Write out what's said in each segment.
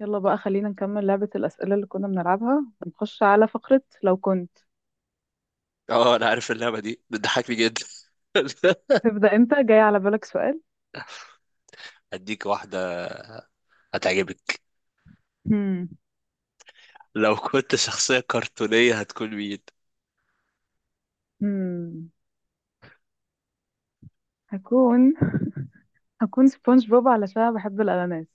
يلا بقى، خلينا نكمل لعبة الأسئلة اللي كنا بنلعبها. نخش على فقرة لو كنت. اه انا عارف اللعبه دي بتضحكني جدا. تبدأ أنت؟ جاي على بالك سؤال؟ هديك واحده هتعجبك. هم. لو كنت شخصيه كرتونيه هتكون مين؟ هم. هكون هكون سبونج بوب علشان بحب الأناناس.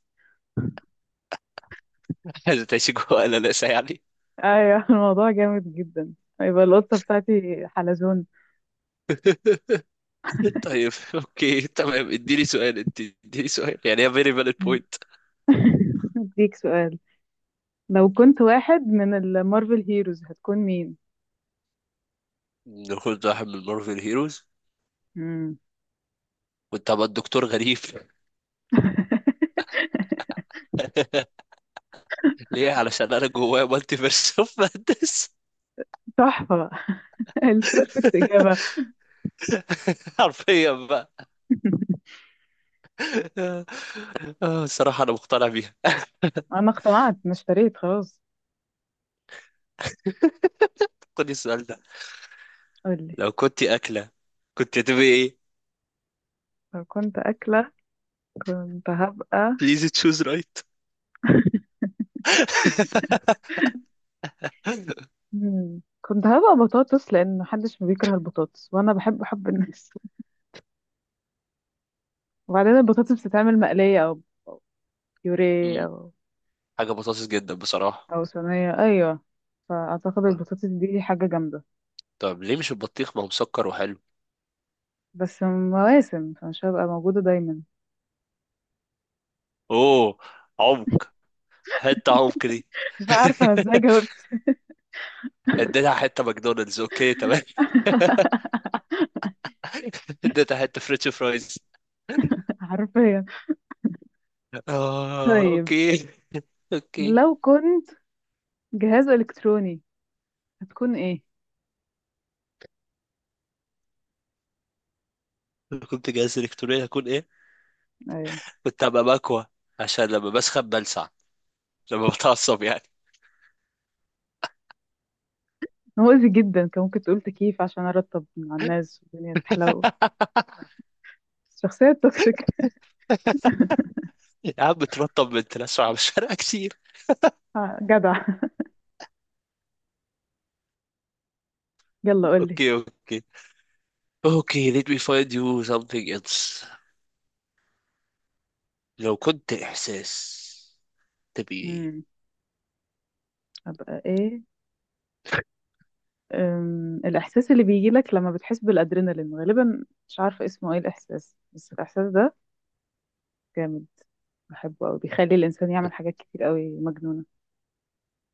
عايزة تعيشي جوه قلقاسه يعني. أيوة الموضوع جامد جدا. هيبقى القطة بتاعتي حلزون. طيب، اوكي تمام، اديني سؤال انت اديني سؤال يعني هي فيري فالid هم. بوينت. أديك سؤال. لو كنت واحد من المارفل هيروز هتكون مين؟ ناخد واحد من مارفل هيروز. هم. كنت هبقى الدكتور غريب. ليه؟ علشان انا جوايا مالتي فيرس اوف مادنس. تحفة. البيرفكت إجابة حرفيا بقى. آه، الصراحه انا مقتنع بيها. أنا اقتنعت، أنا اشتريت خلاص. خد السؤال ده. قولي. لو كنت اكله كنت هتبقي ايه؟ لو كنت أكلة كنت هبقى... بليز تشوز رايت. مم. كنت هبقى بطاطس، لان محدش بيكره البطاطس وانا بحب حب الناس وبعدين البطاطس بتتعمل مقليه او أو بيوريه مم. او حاجة بطاطس جدا بصراحة. او صينيه، ايوه. فاعتقد البطاطس دي حاجه جامده. طب ليه مش البطيخ؟ ما هو مسكر وحلو. بس مواسم، فمش هبقى موجوده دايما. اوه، عمق. حتة عمق دي. مش عارفه أنا ازاي جاوبت. اديتها حتة ماكدونالدز، اوكي تمام. اديتها حتة فريتش فرايز. حرفيا. اه طيب اوكي. اوكي. لو كنت جهاز الكتروني هتكون ايه؟ لو كنت جهاز الكتروني هكون ايه؟ ايوه. كنت هبقى مكوى. عشان لما بسخن بلسع. لما بتعصب يعني. مؤذي جدا، كان ممكن تقول تكييف عشان ارطب مع الناس والدنيا تحلو. الشخصيه التوكسيك. يا عم بترطب من تلسع على الشارع كتير. آه، جدع. يلا قولي. اوكي اوكي. اوكي let me find you something else. لو كنت احساس تبي ايه؟ امم ابقى ايه؟ الاحساس اللي بيجي لك لما بتحس بالادرينالين، غالبا مش عارفه اسمه ايه الاحساس، بس الاحساس ده جامد. بحبه قوي، بيخلي الانسان يعمل حاجات كتير قوي مجنونه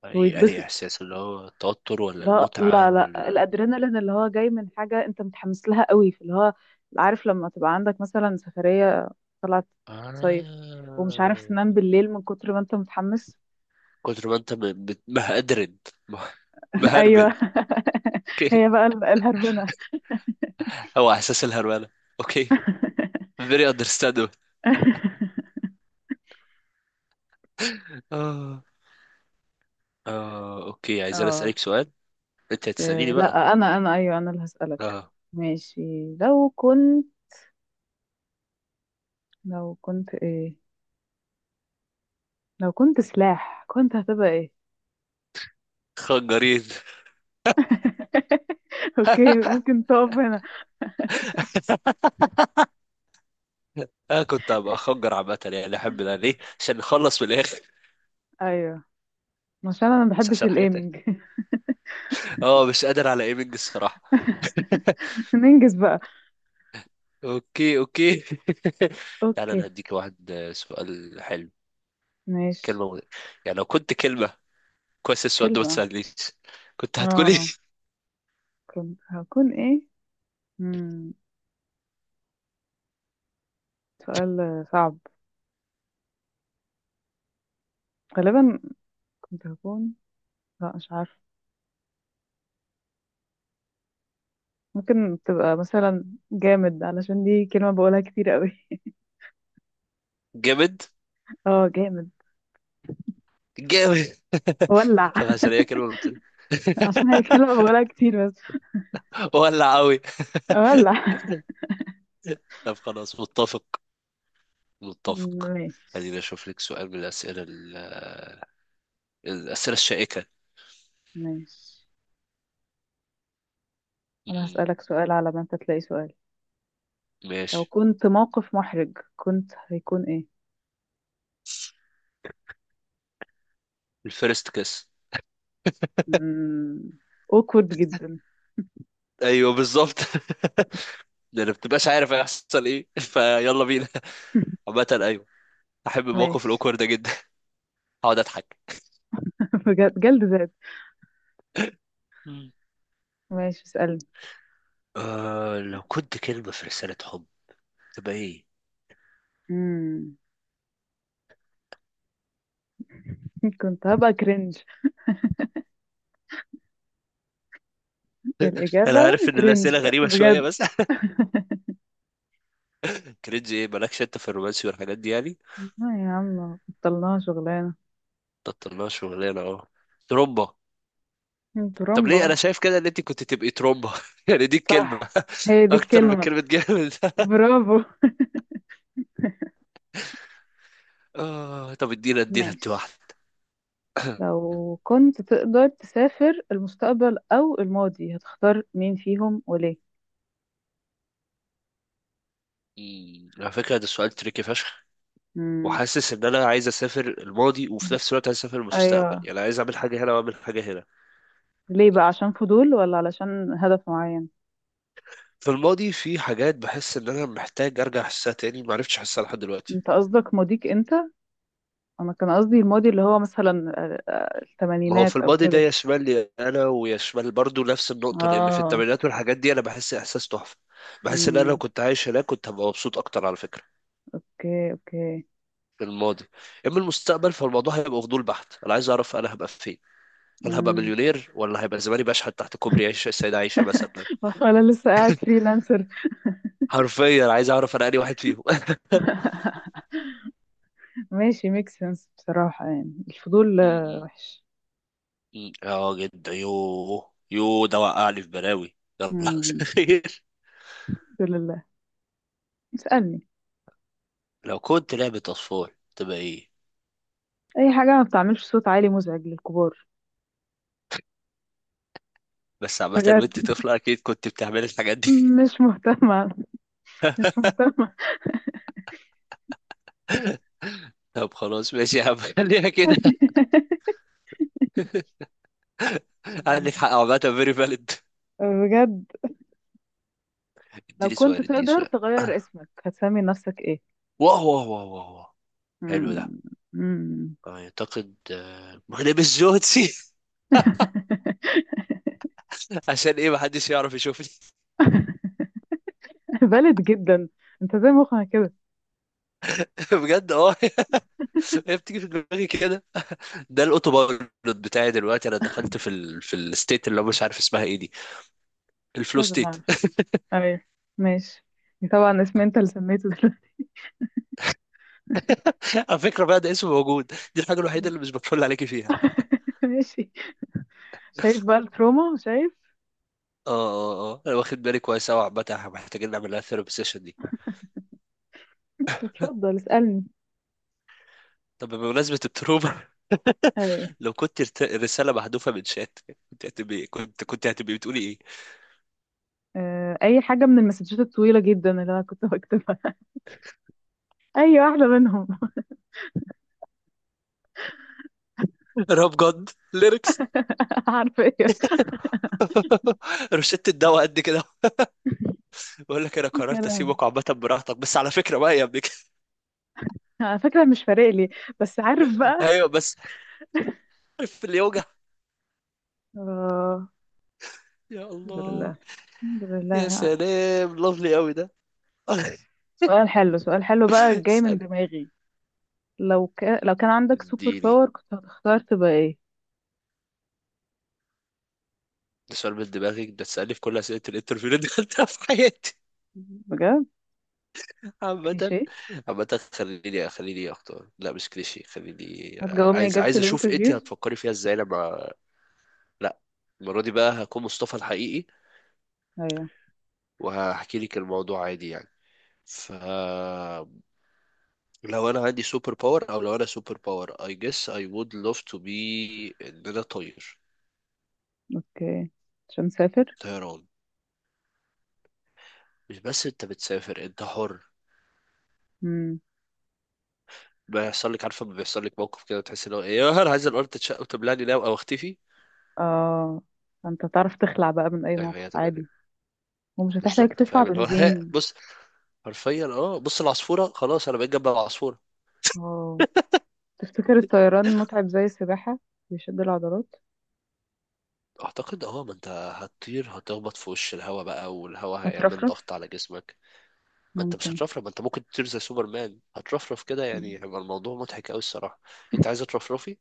يعني انهي ويتبسط. احساس؟ اللي هو التوتر، ولا لا المتعة، لا لا، ولا الادرينالين اللي هو جاي من حاجه انت متحمس لها قوي، في اللي هو عارف لما تبقى عندك مثلا سفريه، طلعت صيف، ومش عارف آه. تنام بالليل من كتر ما انت متحمس. كتر ما انت مهدرن. مه- ايوه. مهربن. اوكي. هي بقى الهربنه. هو احساس الهرمله. اوكي. very understandable. اه. اه اوكي، عايز انا اه. اسالك سؤال. انت هتساليني آه، بقى. لا انا ايوه، انا اللي هسألك. اه. ماشي. لو كنت... لو كنت ايه... لو كنت سلاح كنت هتبقى ايه؟ خنجرين. اوكي، ممكن تقف هنا. انا كنت هبقى خنجر عامه، يعني احب ده ليه؟ عشان نخلص من الاخر. ايوه. عشان انا ما بس بحبش احسن حاجه تاني. الايمنج. اه، مش قادر على ايمنج الصراحه. ننجز بقى. اوكي اوكي تعالى انا اوكي. هديك واحد، سؤال حلو. ماشي. كلمه مغ- يعني لو كنت كلمه، كويس السؤال ده ما كلمة. تسالنيش. كنت هتكون إيه؟ اه. كنت هكون ايه؟ مم. سؤال صعب. غالبا كنت هكون... لا مش عارفة. ممكن تبقى مثلا جامد، علشان دي كلمة بقولها كتير قوي جامد. اه، جامد. جامد. ولع طب عشان هي كلمه بتقول. عشان هي كلمة بقولها كتير بس. ولا قوي. ولع. طب خلاص، متفق. متفق. ماشي. خليني اشوف لك سؤال من الاسئله الشائكه. ماشي، أنا مم. هسألك سؤال على ما أنت تلاقي سؤال. لو ماشي. كنت موقف محرج كنت هيكون إيه؟ الفيرست كيس. مم. awkward جدا. ايوه بالظبط. لان ما بتبقاش عارف هيحصل ايه. فيلا بينا. عامة، ايوه. احب الموقف ماشي. الاوكورد ده جدا. اقعد اضحك. بجد جلد ذات. مم. ماشي، اسألني. أه، لو كنت كلمة في رسالة حب، تبقى ايه؟ مم. كنت هبقى كرنج الإجابة. انا عارف ان الاسئلة كرنج غريبة شوية بجد. بس. كرينج ايه؟ مالكش انت في الرومانسي والحاجات دي يعني. لا يا عم، بطلناها شغلانة. بطلناها شغلانة اه. ترومبا. طب ترمبة. ليه انا شايف كده ان انت كنت تبقي ترومبا؟ يعني دي الكلمة. صح. هي دي اكتر من الكلمة. كلمة جامد. برافو. آه، طب ادينا ادينا انت واحدة. ماشي. لو كنت تقدر تسافر المستقبل أو الماضي هتختار مين فيهم وليه؟ على فكرة ده سؤال تريكي فشخ. مم. وحاسس ان انا عايز اسافر الماضي، وفي نفس الوقت عايز اسافر المستقبل، أيوة. يعني عايز اعمل حاجه هنا واعمل حاجه هنا. ليه بقى، عشان فضول ولا علشان هدف معين؟ في الماضي في حاجات بحس ان انا محتاج ارجع احسها تاني، ما عرفتش احسها لحد دلوقتي. انت قصدك ماضيك انت؟ انا كان قصدي الماضي اللي هو مثلا ما هو في الثمانينات او الماضي ده كده. يشمل لي انا ويشمل برضو نفس النقطه، لان في اه. الثمانينات والحاجات دي انا بحس احساس تحفه. بحس ان انا لو امم. كنت عايش هناك كنت هبقى مبسوط اكتر على فكره. اوكي اوكي. في الماضي. اما المستقبل، فالموضوع هيبقى فضول بحت، انا عايز اعرف انا هبقى فين. هل هبقى امم. مليونير، ولا هيبقى زماني بشحت تحت كوبري عيش السيدة عايشة مثلا. ولا لسه قاعد فريلانسر. حرفيا عايز اعرف انا انهي واحد فيهم. ماشي، ميك سنس بصراحة. يعني الفضول وحش. مم. اه جدا. يوه يوه، ده وقعني في بلاوي. يلا. امم. خير. الحمد لله. اسألني. لو كنت لعبة أطفال تبقى إيه؟ اي حاجه ما بتعملش صوت عالي مزعج للكبار. بس عامة بجد. وأنت طفلة أكيد كنت بتعمل الحاجات دي. مش مهتمه، مش مهتمه. طب خلاص ماشي يا عم. خليها كده. عندك حق، عامة فيري فاليد. بجد. لو اديني كنت سؤال اديني تقدر سؤال. تغير اسمك هتسمي نفسك ايه؟ واه واه واه واه واه. حلو ده. مم. مم. اعتقد، مغرب الجوتسي. عشان ايه؟ محدش يعرف يشوفني. بلد جدا. انت زي مخها كده. بجد اه. هي بتيجي في دماغي كده. ده الاوتو بايلوت بتاعي دلوقتي. انا دخلت في الستيت اللي هو مش عارف اسمها ايه دي. مش الفلو لازم ستيت. اعرف. ايوه. ماشي. طبعا اسم انت اللي سميته دلوقتي. على فكره بقى ده اسم موجود. دي الحاجه الوحيده اللي مش بتفل عليكي فيها. ماشي. شايف بقى التروما، شايف. اه اه اه، انا واخد بالي كويس قوي. عامه احنا محتاجين نعمل لها ثيرابي سيشن دي. اتفضل اسألني. طب بمناسبه التروما، ايوه. لو كنت رساله محذوفه من شات، كنت هتبقي بتقولي ايه؟ اي حاجه من المسجات الطويله جدا اللي انا كنت بكتبها. اي واحده منهم. راب جد ليركس. عارفه ايه. روشته الدواء قد كده. بقول لك انا يا قررت لهوي. اسيبك عامه براحتك، بس على فكره بقى يا ابني. أنا فاكره، مش فارق لي. بس عارف بقى. ايوه بس. عارف اللي يوجع. اه. يا الحمد الله. لله. الحمد يا لله. سلام، لافلي قوي ده. سؤال حلو، سؤال حلو بقى جاي من اسألني. دماغي. لو كان عندك سوبر اديني. باور كنت هتختار تبقى ايه؟ ده سؤال من دماغك ده؟ تسألني في كل أسئلة الانترفيو اللي دخلتها في حياتي. بجد. عامة. كليشيه. عامة، خليني أختار. لا مش كليشيه، خليني. هتجاوبني عايز إجابة عايز أشوف أنت الانترفيوز. هتفكري فيها إزاي لما. لا. المرة دي بقى هكون مصطفى الحقيقي. ايوه. وهحكي لك الموضوع عادي يعني. ف لو أنا عندي سوبر باور أو لو أنا سوبر باور، I guess I would love to be إن أنا طاير. اوكي. عشان مسافر. طيران. مش بس أنت بتسافر، أنت حر. امم. بيحصل لك، عارفه، لما بيحصل لك موقف كده تحس اللي هو ايه، يا نهار عايز الارض تتشق وتبلعني ناو او اختفي. اه. فانت تعرف تخلع بقى من اي فاهم، موقف هي تبقى عادي. كده. ومش هتحتاج بالظبط تدفع فاهم اللي هو. ها، بنزين. بص. حرفيا اه، بص العصفوره خلاص انا بقيت جنب العصفوره. اه. تفتكر الطيران متعب زي السباحة؟ بيشد العضلات. اعتقد اه، ما انت هتطير هتخبط في وش الهواء بقى، والهواء هيعمل هترفرف. ضغط على جسمك. ما انت مش ممكن. هترفرف، ما انت ممكن تطير زي سوبرمان هترفرف كده يعني، مم. هيبقى الموضوع مضحك قوي الصراحه. انت عايزه ترفرفي؟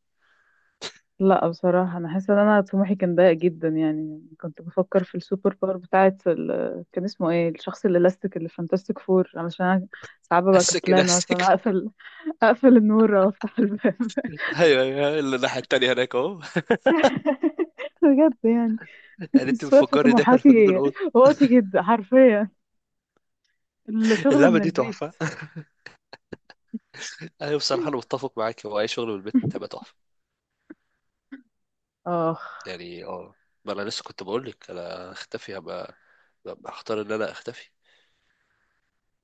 لا بصراحة أنا حاسة إن أنا طموحي كان ضيق جدا. يعني كنت بفكر في السوبر باور بتاعة ال... كان اسمه إيه الشخص الإلاستيك اللي في فانتاستيك فور، علشان أنا ساعات ببقى اسك كسلانة مثلا نفسك. أقفل أقفل النور أو أفتح الباب ايوه ايوه، اللي الناحيه التانيه هناك اهو. بجد يعني. يعني انت بس واقفة بتفكرني داخل حدود طموحاتي الاوضه. واطي جدا حرفيا. الشغل اللعبه من دي تحفه. البيت. ايوه بصراحه انا متفق معاك، هو اي شغل من البيت هيبقى تحفه. آخ. يعني اه. ما انا لسه كنت بقول لك انا اختفي. هبقى هختار ان انا اختفي.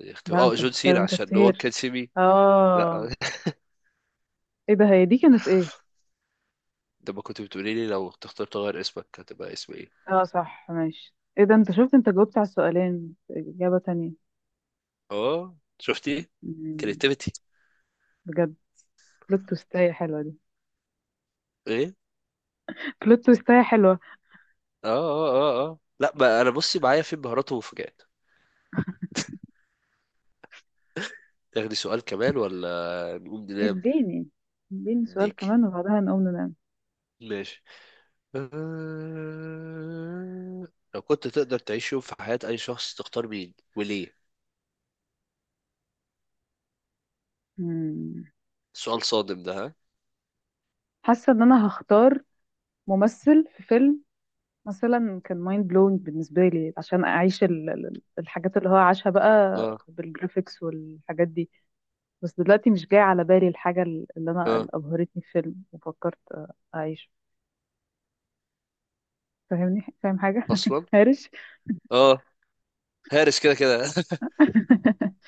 اختفي، لا، اه أنت جون هتختار سينا أنت عشان نو ون تطير. كان سي مي. لا. آه. ايه ده، هي دي كانت ايه؟ لما كنت بتقولي لي لو تختار تغير اسمك هتبقى اسم ايه. اه صح ماشي. ايه ده، انت شفت انت جاوبت على السؤالين اجابة تانية. اه شفتي؟ مم، كريتيفيتي. بجد. بلوت تويستاية حلوة دي. ايه. بلوت تويستاية حلوة. اه اه اه اه، لا ما انا بصي معايا في مهارات ومفاجآت. تاخدي سؤال كمان ولا نقوم ننام؟ اديني. اديني سؤال ديك. كمان وبعدها نقوم ننام. ماشي. أه... لو كنت تقدر تعيش يوم في حياة أي شخص، تختار مين وليه؟ مم. سؤال صادم ده، ها؟ حاسة ان انا هختار ممثل في فيلم مثلا، كان مايند بلوينج بالنسبة لي عشان اعيش الحاجات اللي هو عاشها بقى اه بالجرافيكس والحاجات دي. بس دلوقتي مش جاي على بالي الحاجة اللي انا اه. اللي ابهرتني في فيلم وفكرت اعيشه. فاهمني؟ فاهم حاجة أصلا؟ هارش. اه. هارس كده كده.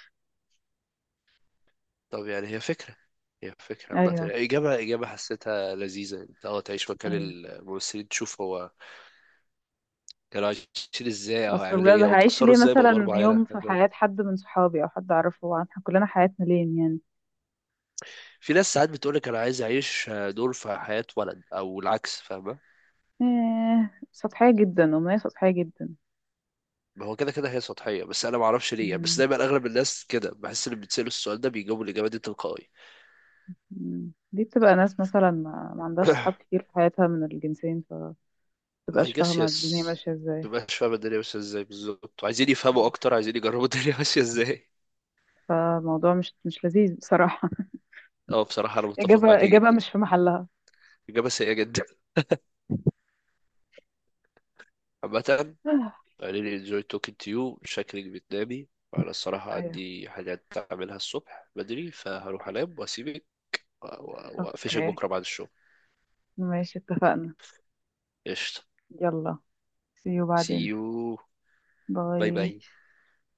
طب يعني هي فكرة. هي فكرة عامة ايوه يعني، إجابة حسيتها لذيذة، أنت تعيش مكان ايوه. الممثلين تشوف هو كانوا عايشين إزاي، أو اصل هيعملوا بجد، إيه، أو هعيش اتأثروا ليه إزاي بأدوار مثلا معينة. يوم في حياة حد من صحابي او حد اعرفه؟ هو احنا كلنا حياتنا لين يعني. في ناس ساعات بتقولك أنا عايز أعيش دور في حياة ولد، أو العكس فاهمة؟ إيه، سطحية جدا، أمنية سطحية جدا. ما هو كده كده هي سطحية، بس أنا معرفش ليه يعني، بس مم. دايما أغلب الناس كده. بحس اللي بيتسألوا السؤال ده بيجاوبوا الإجابة دي تلقائي. مم. دي بتبقى ناس مثلا ما عندهاش صحاب كتير في حياتها من الجنسين، I فمتبقاش guess فاهمة yes. الدنيا ماشية ازاي. مبقاش فاهم الدنيا ماشية ازاي بالظبط، عايزين يفهموا أكتر، عايزين يجربوا الدنيا. ماشية ازاي. فالموضوع مش لذيذ بصراحة. اه بصراحة أنا متفق إجابة معاك إجابة جدا. مش في محلها. إجابة سيئة جدا. عامة. I really enjoy talking to you. شكلك بتنامي. أنا الصراحة ايوه. عندي حاجات أعملها الصبح بدري، فهروح اوكي أنام وأسيبك. وأقفشك اوكي. بكرة بعد الشغل. ماشي، اتفقنا. قشطة. يلا. see you see بعدين. you. باي باي. باي.